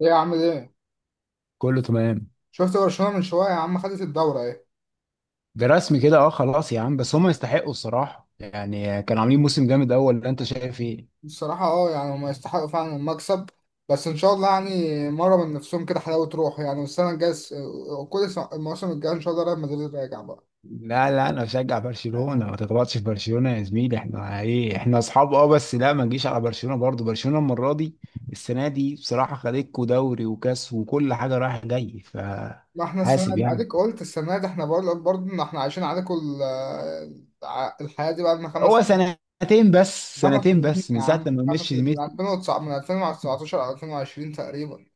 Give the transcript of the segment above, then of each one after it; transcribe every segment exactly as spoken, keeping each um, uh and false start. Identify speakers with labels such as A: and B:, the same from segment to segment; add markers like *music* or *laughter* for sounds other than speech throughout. A: ايه يا عم ده؟
B: كله تمام.
A: شفت برشلونة من شوية يا عم، خدت الدورة ايه؟
B: برسمي كده اه خلاص يا عم، بس هم يستحقوا الصراحة، يعني كانوا عاملين موسم جامد اول. اللي انت شايف ايه؟
A: الصراحة اه يعني هما يستحقوا فعلا المكسب. بس ان شاء الله يعني مرة من نفسهم كده، حلاوة روح يعني. والسنة الجاية س- كل س- الموسم الجاي ان شاء الله ريال مدريد راجع بقى.
B: لا لا، انا بشجع برشلونة، ما تتبطش في برشلونة يا زميلي، احنا ايه، احنا اصحاب اه، بس لا ما نجيش على برشلونة برضو. برشلونة المرة دي، السنة دي بصراحة خدتكوا دوري وكاس وكل حاجة رايح جاي،
A: ما احنا السنة
B: فحاسب
A: دي
B: يعني.
A: اديك قلت السنة دي احنا برضه برضه ان احنا عايشين عليك ال- ع- الحياة دي بقى لنا خمس
B: هو سنتين بس،
A: خمس
B: سنتين
A: سنين
B: بس من
A: يا
B: ساعة
A: عم،
B: لما
A: خمس
B: مشي.
A: من الفين وتسعة من الفين وتسعتاشر على الفين وعشرين تقريبا.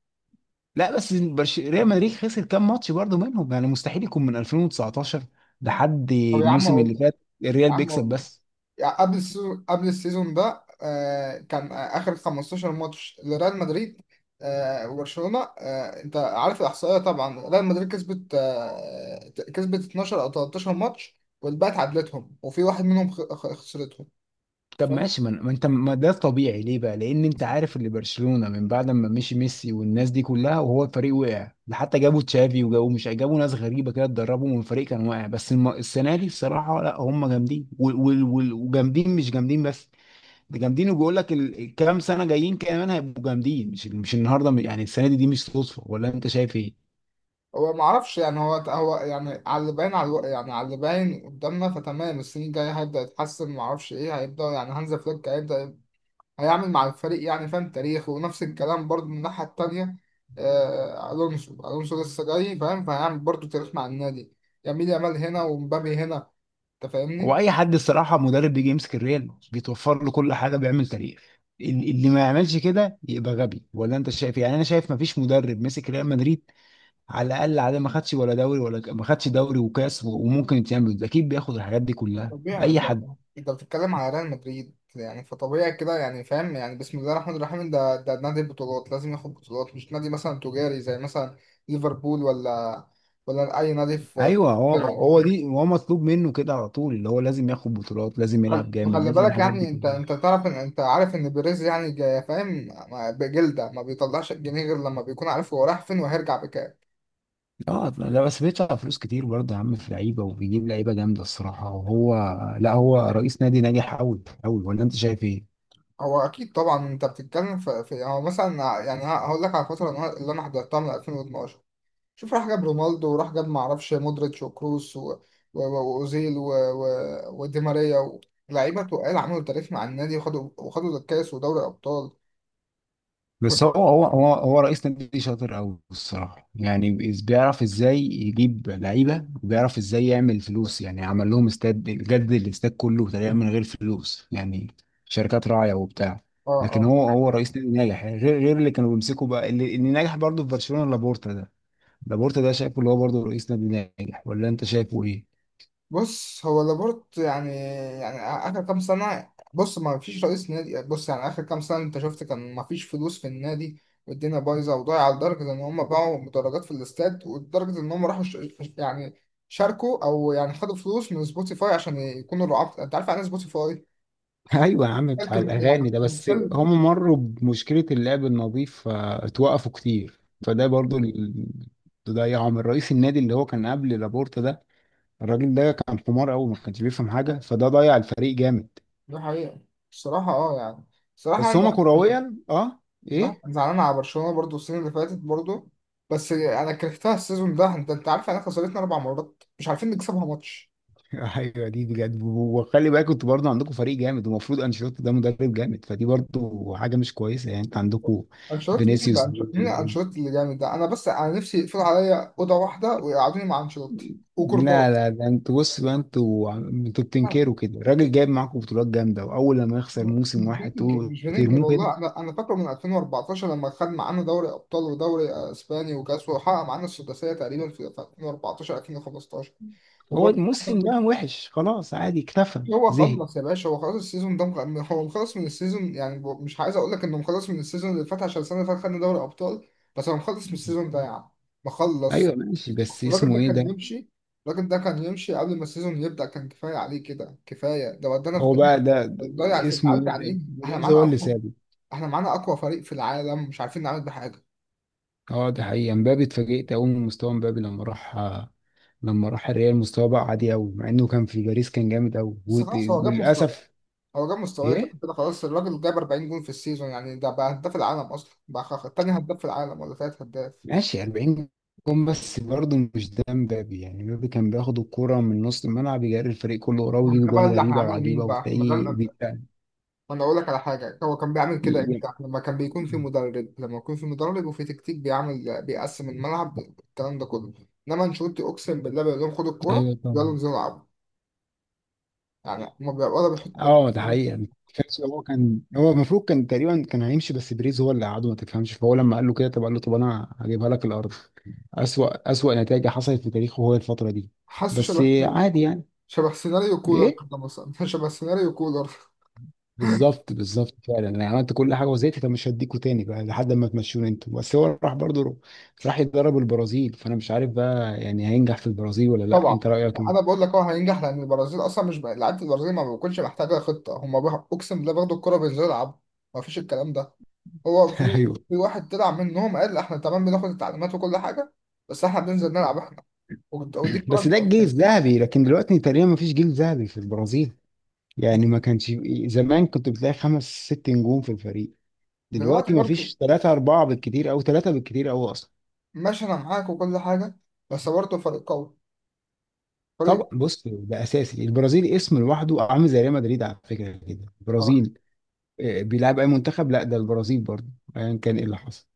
B: لا بس برش... ريال مدريد خسر كام ماتش برضه منهم، يعني مستحيل يكون من ألفين وتسعتاشر لحد
A: طب يا عم
B: الموسم
A: اقول
B: اللي
A: لك،
B: فات. الريال
A: يا عم
B: بيكسب
A: اقول لك
B: بس.
A: يعني قبل السيزون قبل السيزون ده آه، كان آه، آخر خمستاشر ماتش لريال مدريد، آه، وبرشلونة، آه، أنت عارف الإحصائية. طبعا ريال مدريد كسبت آه، كسبت اتناشر أو تلاتاشر ماتش، والباقي اتعادلتهم، وفي واحد منهم خ- خ- خسرتهم. أنت
B: طب
A: فاهم؟
B: ماشي، ما ما انت ما ده طبيعي ليه بقى، لان انت عارف اللي برشلونة من بعد ما مشي ميسي والناس دي كلها، وهو الفريق وقع ده، حتى جابوا تشافي، وجابوا مش جابوا ناس غريبة كده اتدربوا من فريق كان واقع. بس الم... السنة دي الصراحة، لا هم جامدين وال... وال... وال... وجامدين، مش جامدين بس. ده جامدين، وبيقول لك الكام سنة جايين كمان هيبقوا جامدين، مش مش النهارده يعني. السنة دي دي مش صدفة، ولا انت شايف ايه؟
A: هو ما اعرفش يعني، هو هو يعني على اللي باين على الو- يعني على اللي باين قدامنا. فتمام، السنين الجاية هيبدأ يتحسن ما اعرفش ايه، هيبدأ يعني هانز فليك هيبدأ هيعمل مع الفريق يعني فاهم تاريخ. ونفس الكلام برضه من الناحية التانية، آه، ألونسو ألونسو لسه جاي فاهم، فهيعمل برضه تاريخ مع النادي. يمين يامال هنا ومبابي هنا، أنت
B: هو
A: فاهمني؟
B: اي حد الصراحه مدرب بيجي يمسك الريال بيتوفر له كل حاجه بيعمل تاريخ، ال- اللي ما يعملش كده يبقى غبي، ولا انت شايف إيه؟ يعني انا شايف ما فيش مدرب مسك ريال مدريد على الاقل على ما خدش ولا دوري، ولا ما خدش دوري وكاس و- وممكن يتعمل اكيد، بياخد الحاجات دي كلها
A: طبيعي
B: اي
A: طبعا،
B: حد.
A: أنت بتتكلم على ريال مدريد، يعني فطبيعي كده يعني فاهم، يعني بسم الله الرحمن الرحيم، ده ده نادي بطولات لازم ياخد بطولات، مش نادي مثلا تجاري زي مثلا ليفربول، ولا ولا أي نادي في
B: ايوه، هو
A: في-
B: هو
A: أوروبا.
B: دي هو مطلوب منه كده على طول، اللي هو لازم ياخد بطولات، لازم يلعب
A: خل-
B: جامد،
A: خلي
B: لازم
A: بالك
B: الحاجات دي
A: يعني، انت
B: كلها.
A: انت تعرف ان انت عارف ان بيريز يعني جا- فاهم، ما- بجلده ما بيطلعش الجنيه غير لما بيكون عارف هو رايح فين وهيرجع بكام.
B: اه لا، بس بيدفع فلوس كتير برضه يا عم في لعيبه، وبيجيب لعيبه جامده الصراحه، وهو لا هو رئيس نادي ناجح قوي قوي، ولا انت شايف ايه؟
A: هو اكيد طبعا، انت بتتكلم في, في يعني هو مثلا ع- يعني ه- هقول لك على الفتره اللي انا اللي أنا حضرتها من الفين واثنا عشر. شوف، راح جاب رونالدو وراح جاب ما اعرفش مودريتش وكروس و- و- و- واوزيل و- و- ودي ماريا و- لعيبه تقال عملوا تاريخ مع النادي وخدوا وخدوا الكاس ودوري ابطال.
B: بس هو
A: *laughs*
B: هو هو هو رئيس نادي شاطر قوي الصراحه، يعني بيز- بيعرف ازاي يجيب لعيبه، وبيعرف ازاي يعمل فلوس، يعني عمل لهم استاد جدد، الاستاد كله تقريبا من غير فلوس يعني، شركات راعيه وبتاع.
A: اه،
B: لكن
A: اه.
B: هو هو رئيس نادي ناجح يعني، غير غير اللي كانوا بيمسكوا بقى، اللي, اللي ناجح برضه في برشلونه، لابورتا ده. لابورتا ده شايفه اللي هو برضه رئيس نادي ناجح، ولا انت شايفه ايه؟
A: بص هو لابورت يعني، يعني اخر كام سنه، بص ما فيش رئيس نادي، بص يعني اخر كام سنه انت شفت كان ما فيش فلوس في النادي، والدنيا بايظه وضايعه لدرجه ان هم باعوا مدرجات في الاستاد، ولدرجه ان هم راحوا ش... يعني شاركوا او يعني خدوا فلوس من سبوتيفاي عشان يكونوا رعاة. انت عارف يعني إيه سبوتيفاي؟
B: ايوه يا عم، بتاع
A: لكن يعني
B: الاغاني ده.
A: كان-
B: بس
A: كان-
B: هم مروا بمشكله اللعب النظيف فاتوقفوا كتير، فده برضو اللي ضيعهم، الرئيس النادي اللي هو كان قبل لابورتا ده. الراجل ده كان حمار قوي، ما كانش بيفهم حاجه، فده ضيع الفريق جامد.
A: دي حقيقه. الصراحه اه يعني، الصراحه،
B: بس هما كرويا اه
A: لا
B: ايه.
A: أنا زعلان على برشلونة برضو السنة اللي فاتت برضو. بس أنا كرهتها السيزون ده، أنت أنت عارف إحنا خسرتنا أربع مرات مش عارفين نكسبها ماتش.
B: *laughs* ايوه دي بجد. وخلي بالك انتوا برضه عندكم فريق جامد، ومفروض انشيلوتي ده مدرب جامد، فدي برضه حاجه مش كويسه، يعني انت عندكم
A: أنشيلوتي مين؟ اللي
B: فينيسيوس.
A: أنشيلوتي مين؟ أنشيلوتي اللي جامد ده؟ أنا بس أنا نفسي يقفلوا عليا أوضة واحدة ويقعدوني مع أنشيلوتي
B: لا
A: وكرباط.
B: لا، ده انتوا بص بقى، انتوا عم- انتوا
A: لا،
B: بتنكروا كده، الراجل جايب معاكم بطولات جامده، واول لما يخسر موسم واحد
A: بينكر
B: تقولوا
A: مش بينكر
B: ترموه كده.
A: والله، أنا أنا فاكره من الفين واربعتاشر لما خد معانا دوري أبطال ودوري أسباني وكأس، وحقق معانا السداسية تقريبا في الفين واربعتاشر الفين وخمسة عشر.
B: هو
A: وبرضه
B: الموسم ده وحش خلاص، عادي، اكتفى
A: هو
B: زهق.
A: خلص يا باشا، هو خلاص السيزون ده مخ- هو مخلص من السيزون يعني، ب- مش عايز اقول لك انه مخلص من السيزون اللي فات عشان السنه اللي فاتت خدنا دوري ابطال، بس هو مخلص من السيزون ده يعني مخلص.
B: ايوه ماشي، بس
A: الراجل
B: اسمه
A: ده
B: ايه
A: كان
B: ده؟
A: يمشي الراجل ده كان يمشي قبل ما السيزون يبدا، كان كفايه عليه كده، كفايه، ده ودانا في
B: هو بقى
A: داهيه.
B: ده, ده
A: ضيع الفريق،
B: اسمه
A: عارف
B: ايه ده؟
A: يعني ايه؟ احنا
B: بيريز
A: معانا
B: هو اللي
A: اقوى
B: سابه.
A: احنا معانا اقوى فريق في العالم مش عارفين نعمل بحاجه.
B: اه ده حقيقي، امبابي اتفاجئت قوي من مستوى امبابي لما راح، لما راح الريال مستواه بقى عادي قوي، مع انه كان في باريس كان جامد قوي.
A: بس خلاص هو جاب مستوى
B: وللاسف
A: هو جاب مستوى كده
B: ايه،
A: كده خلاص. الراجل جاب اربعين جون في السيزون، يعني ده بقى هداف العالم اصلا بقى، خ- تاني هداف في العالم ولا تالت هداف.
B: ماشي أربعين جون، بس برضه مش ده مبابي يعني، مبابي كان بياخد الكرة من نص الملعب، يجري الفريق كله وراه،
A: ما
B: ويجيب
A: ده بقى
B: جوان
A: اللي
B: غريبة
A: هنعمله
B: وعجيبة،
A: مين بقى؟ ما ده
B: وتلاقيه
A: ال-
B: بيبقى
A: ما انا اقول لك على حاجه، هو كان بيعمل
B: ي-
A: كده
B: ي-
A: امتى؟ لما كان بيكون في
B: *laughs*
A: مدرب لما يكون في مدرب وفي تكتيك بيعمل بيقسم الملعب الكلام ده كله. انما انشيلوتي، اقسم بالله، بيقول لهم خدوا الكوره
B: ايوه
A: يلا
B: طبعا.
A: انزلوا العبوا، يعني هما بيبقوا ولا بيحطوا ده؟
B: اه ده حقيقة. تحس هو كان هو المفروض كان تقريبا كان هيمشي، بس بريز هو اللي قعده، ما تفهمش، فهو لما قال له كده، طب قال له طب انا هجيبها لك الارض. أسوأ أسوأ نتائج حصلت في تاريخه هو الفترة دي.
A: حاسه
B: بس
A: شبه
B: عادي يعني.
A: شبه سيناريو كولر
B: ايه
A: كده مثلا. *laughs* شبه سيناريو كولر.
B: بالظبط بالظبط فعلا، انا عملت كل حاجه وزهقت، طب مش هديكوا تاني بقى لحد ما تمشوني انتوا. بس هو راح برضه رو- راح يتدرب البرازيل، فانا مش عارف بقى يعني هينجح في البرازيل ولا لا،
A: طبعا،
B: انت رايك
A: انا
B: ايه؟
A: بقول لك هو هينجح لان البرازيل اصلا مش بقى- لعيبه البرازيل ما بتكونش محتاجه خطه، هم بقى- اقسم بالله بياخدوا الكوره بينزلوا يلعبوا، ما فيش الكلام ده. هو
B: *laughs*
A: في
B: ايوه،
A: في واحد طلع منهم قال احنا تمام بناخد التعليمات وكل حاجه، بس احنا بننزل نلعب احنا. ود- ودي
B: بس
A: كانت.
B: ده الجيل الذهبي، لكن دلوقتي تقريبا ما فيش جيل ذهبي في البرازيل يعني. ما كانش زمان كنت بتلاقي خمس ست نجوم في الفريق،
A: دلوقتي
B: دلوقتي ما
A: برضو،
B: فيش، ثلاثه اربعه بالكتير، او ثلاثه بالكتير او اصلا.
A: ماشي انا معاك وكل حاجه، بس برضو فريق قوي، فريق.
B: طبعا بص، ده اساسي، البرازيل اسم لوحده، عامل زي ريال مدريد على فكره كده
A: اه،
B: البرازيل. آه، بيلعب اي منتخب، لا ده البرازيل برضه، ايا كان ايه اللي حصل.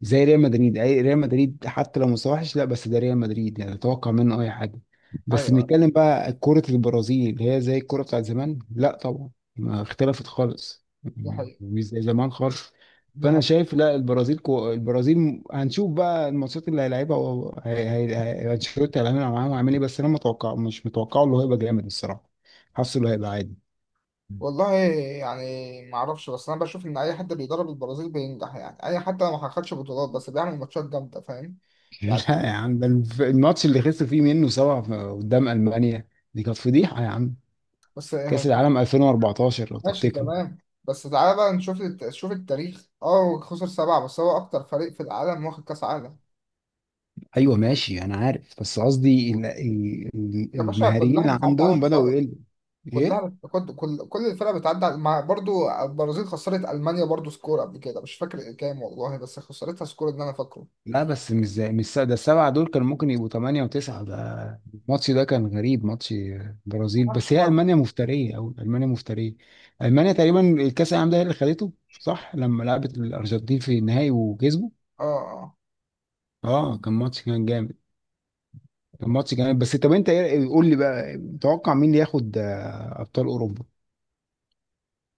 B: زي ريال مدريد، اي ريال مدريد حتى لو مستواه وحش، لا بس ده ريال مدريد يعني، اتوقع منه اي حاجه. بس
A: ايوه،
B: بنتكلم بقى كرة البرازيل، هي زي الكرة بتاعت زمان لا طبعا، ما اختلفت خالص،
A: دي
B: م-
A: حقيقه،
B: مش زي زمان خالص.
A: دي
B: فانا
A: حقيقه.
B: شايف، لا البرازيل كو... البرازيل م- هنشوف بقى الماتشات اللي هيلعبها و... هي... هي... هي... انشيلوتي هيعمل معاهم هيعمل ايه، بس انا متوقع، مش متوقع اللي هو هيبقى جامد الصراحه، حاسه اللي هيبقى عادي.
A: والله يعني ما اعرفش، بس انا بشوف ان اي حد بيدرب البرازيل بينجح يعني، اي حتى لو ما خدش بطولات بس بيعمل ماتشات جامده، فاهم يعني.
B: لا يا عم، ده الف- الماتش اللي خسروا فيه منه سبعة في- قدام ألمانيا، دي كانت فضيحة يا عم،
A: بس
B: كأس العالم ألفين وأربعتاشر لو
A: ماشي
B: تفتكروا.
A: تمام. بس تعالى بقى نشوف الت- شوف التاريخ، اه خسر سبعة، بس هو اكتر فريق في العالم واخد كاس عالم.
B: أيوة ماشي، أنا عارف، بس قصدي ال- ال- ال-
A: يا باشا
B: المهاريين
A: كلها
B: اللي
A: بتعدي على
B: عندهم بدأوا
A: الطوارئ،
B: يقلوا.
A: كلها
B: إيه؟
A: بت... كل كل كل الفرق بتعدي على- مع برضو البرازيل خسرت المانيا برضو سكور قبل كده مش فاكر كام والله، بس خسرتها سكور اللي انا فاكره.
B: لا بس مش زي، مش س- ده السبعة دول كانوا ممكن يبقوا ثمانية وتسعة ده. الماتش ده كان غريب، ماتش برازيل،
A: معرفش
B: بس هي
A: بقى
B: ألمانيا
A: بس.
B: مفترية، أو ألمانيا مفترية. ألمانيا تقريبا الكأس العالم ده هي اللي خدته، صح لما لعبت الأرجنتين في النهائي وكسبوا.
A: اه، اه
B: اه كان ماتش، كان جامد، كان ماتش جامد. بس طب انت ايه- قول لي بقى، متوقع مين اللي ياخد آه، ابطال اوروبا،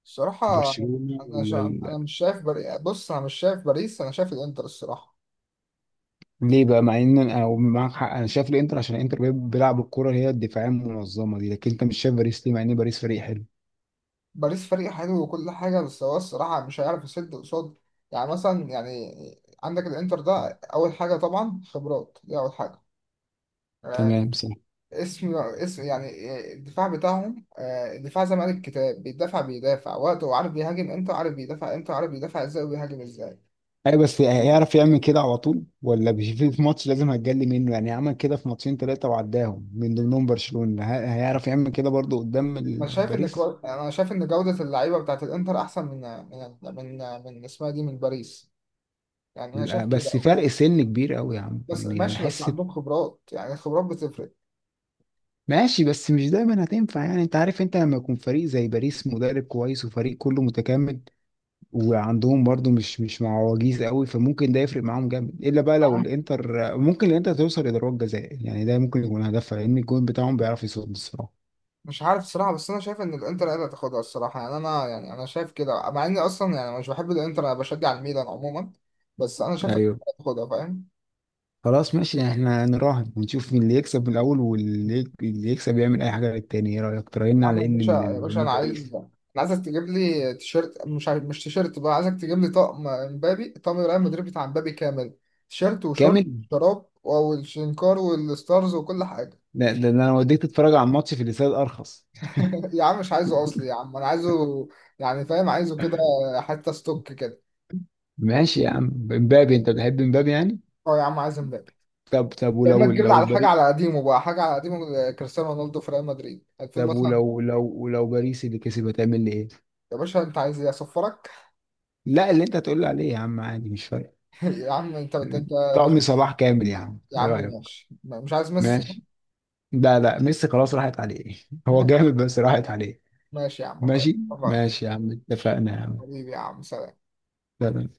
A: الصراحه،
B: برشلونة
A: انا
B: ولا
A: شا...
B: ال...
A: انا مش شايف بري... بص، انا مش شايف باريس، انا شايف الانتر الصراحه.
B: ليه بقى، مع ان انا أو معاك حق، انا شايف الانتر، عشان الانتر بي- بيلعب الكرة اللي هي الدفاعية المنظمة دي، لكن انت مش شايف باريس ليه، مع ان باريس فريق حلو.
A: باريس فريق حلو وكل حاجه، بس هو الصراحه مش هيعرف يسد قصاد، يعني مثلا يعني عندك الانتر ده، اول حاجه طبعا خبرات دي اول حاجه،
B: تمام صح.
A: اسم اسم يعني آه، الدفاع بتاعهم، آه، الدفاع زي ما قال الكتاب بيدافع، بيدافع وقته وعارف بيهاجم امتى وعارف بيدافع امتى وعارف بيدافع ازاي وبيهاجم ازاي.
B: اي، بس هيعرف يعمل كده على طول، ولا مش في في ماتش لازم هتجلي منه يعني، عمل كده في ماتشين ثلاثة وعداهم من ضمنهم برشلونة، ه- هيعرف يعمل كده برضه قدام
A: انا
B: ال-
A: شايف ان كو...
B: باريس.
A: انا شايف ان جودة اللعيبة بتاعت الانتر احسن من من من من اسمها دي، من باريس، يعني انا شايف
B: لا، بس
A: كده.
B: فرق سن كبير قوي يا عم
A: بس
B: يعني
A: ماشي، بس
B: احس.
A: عندهم خبرات، يعني الخبرات بتفرق.
B: ماشي، بس مش دايما هتنفع يعني، انت عارف انت لما يكون فريق زي باريس مدرب كويس وفريق كله متكامل، وعندهم برضو مش مش معوجيز قوي، فممكن ده يفرق معاهم جامد، الا بقى لو الانتر ممكن الانتر توصل لضربات جزاء يعني ده ممكن يكون هدفها، لان الجون بتاعهم بيعرف يصد الصراحه.
A: مش عارف الصراحة، بس أنا شايف إن الإنتر هي اللي هتاخدها الصراحة، يعني أنا، يعني أنا شايف كده، مع إني أصلا يعني مش بحب الإنتر، أنا بشجع الميلان عموما، بس أنا شايف إن
B: ايوه
A: الإنتر هتاخدها، فاهم.
B: خلاص ماشي، احنا نراهن ونشوف مين اللي يكسب من الاول، واللي اللي يكسب يعمل اي حاجه للتاني، ايه رايك تراهن
A: يا عم،
B: على
A: يا
B: ان
A: باشا يا
B: ال-
A: باشا،
B: ان
A: انا عايز،
B: باريس
A: انا عايزك تجيب لي تيشيرت، مش عايز... مش تيشيرت بقى، عايزك تجيب لي طقم امبابي، طقم الريال مدريد بتاع امبابي كامل، تيشيرت وشورت
B: كامل.
A: شراب والشنكار والستارز وكل حاجه.
B: ده ده ده انا وديك تتفرج على الماتش في الاستاد ارخص.
A: *laughs* يا عم مش عايزه اصلي يا عم، انا عايزه يعني، فاهم، عايزه كده، حتى ستوك كده.
B: ماشي يا عم، امبابي انت بتحب امبابي يعني.
A: اه يا عم، عايز امبابي،
B: طب طب
A: يا اما
B: ولو
A: تجيب لي
B: لو
A: على حاجه
B: باريس،
A: على قديمه، بقى حاجه على قديمه، آه، كريستيانو رونالدو في ريال مدريد الفين
B: طب
A: مثلا.
B: ولو لو لو باريس اللي كسب هتعمل لي ايه؟
A: يا باشا انت عايز ايه اصفرك؟
B: لا، اللي انت هتقول لي عليه يا عم عادي، مش فارق.
A: *laughs* يا عم، انت انت, انت.
B: طقم صلاح كامل يا عم،
A: يا
B: ايه
A: عم
B: رايك؟
A: ماشي، مش عايز ميسي.
B: ماشي. لا لا، ميسي خلاص راحت عليه. *laughs* هو جامد
A: *laughs*
B: بس راحت عليه.
A: ماشي يا عم خلاص
B: ماشي،
A: اتفقنا.
B: ماشي يا عم اتفقنا يا عم
A: حبيبي يا عم سلام.
B: اتفقنا.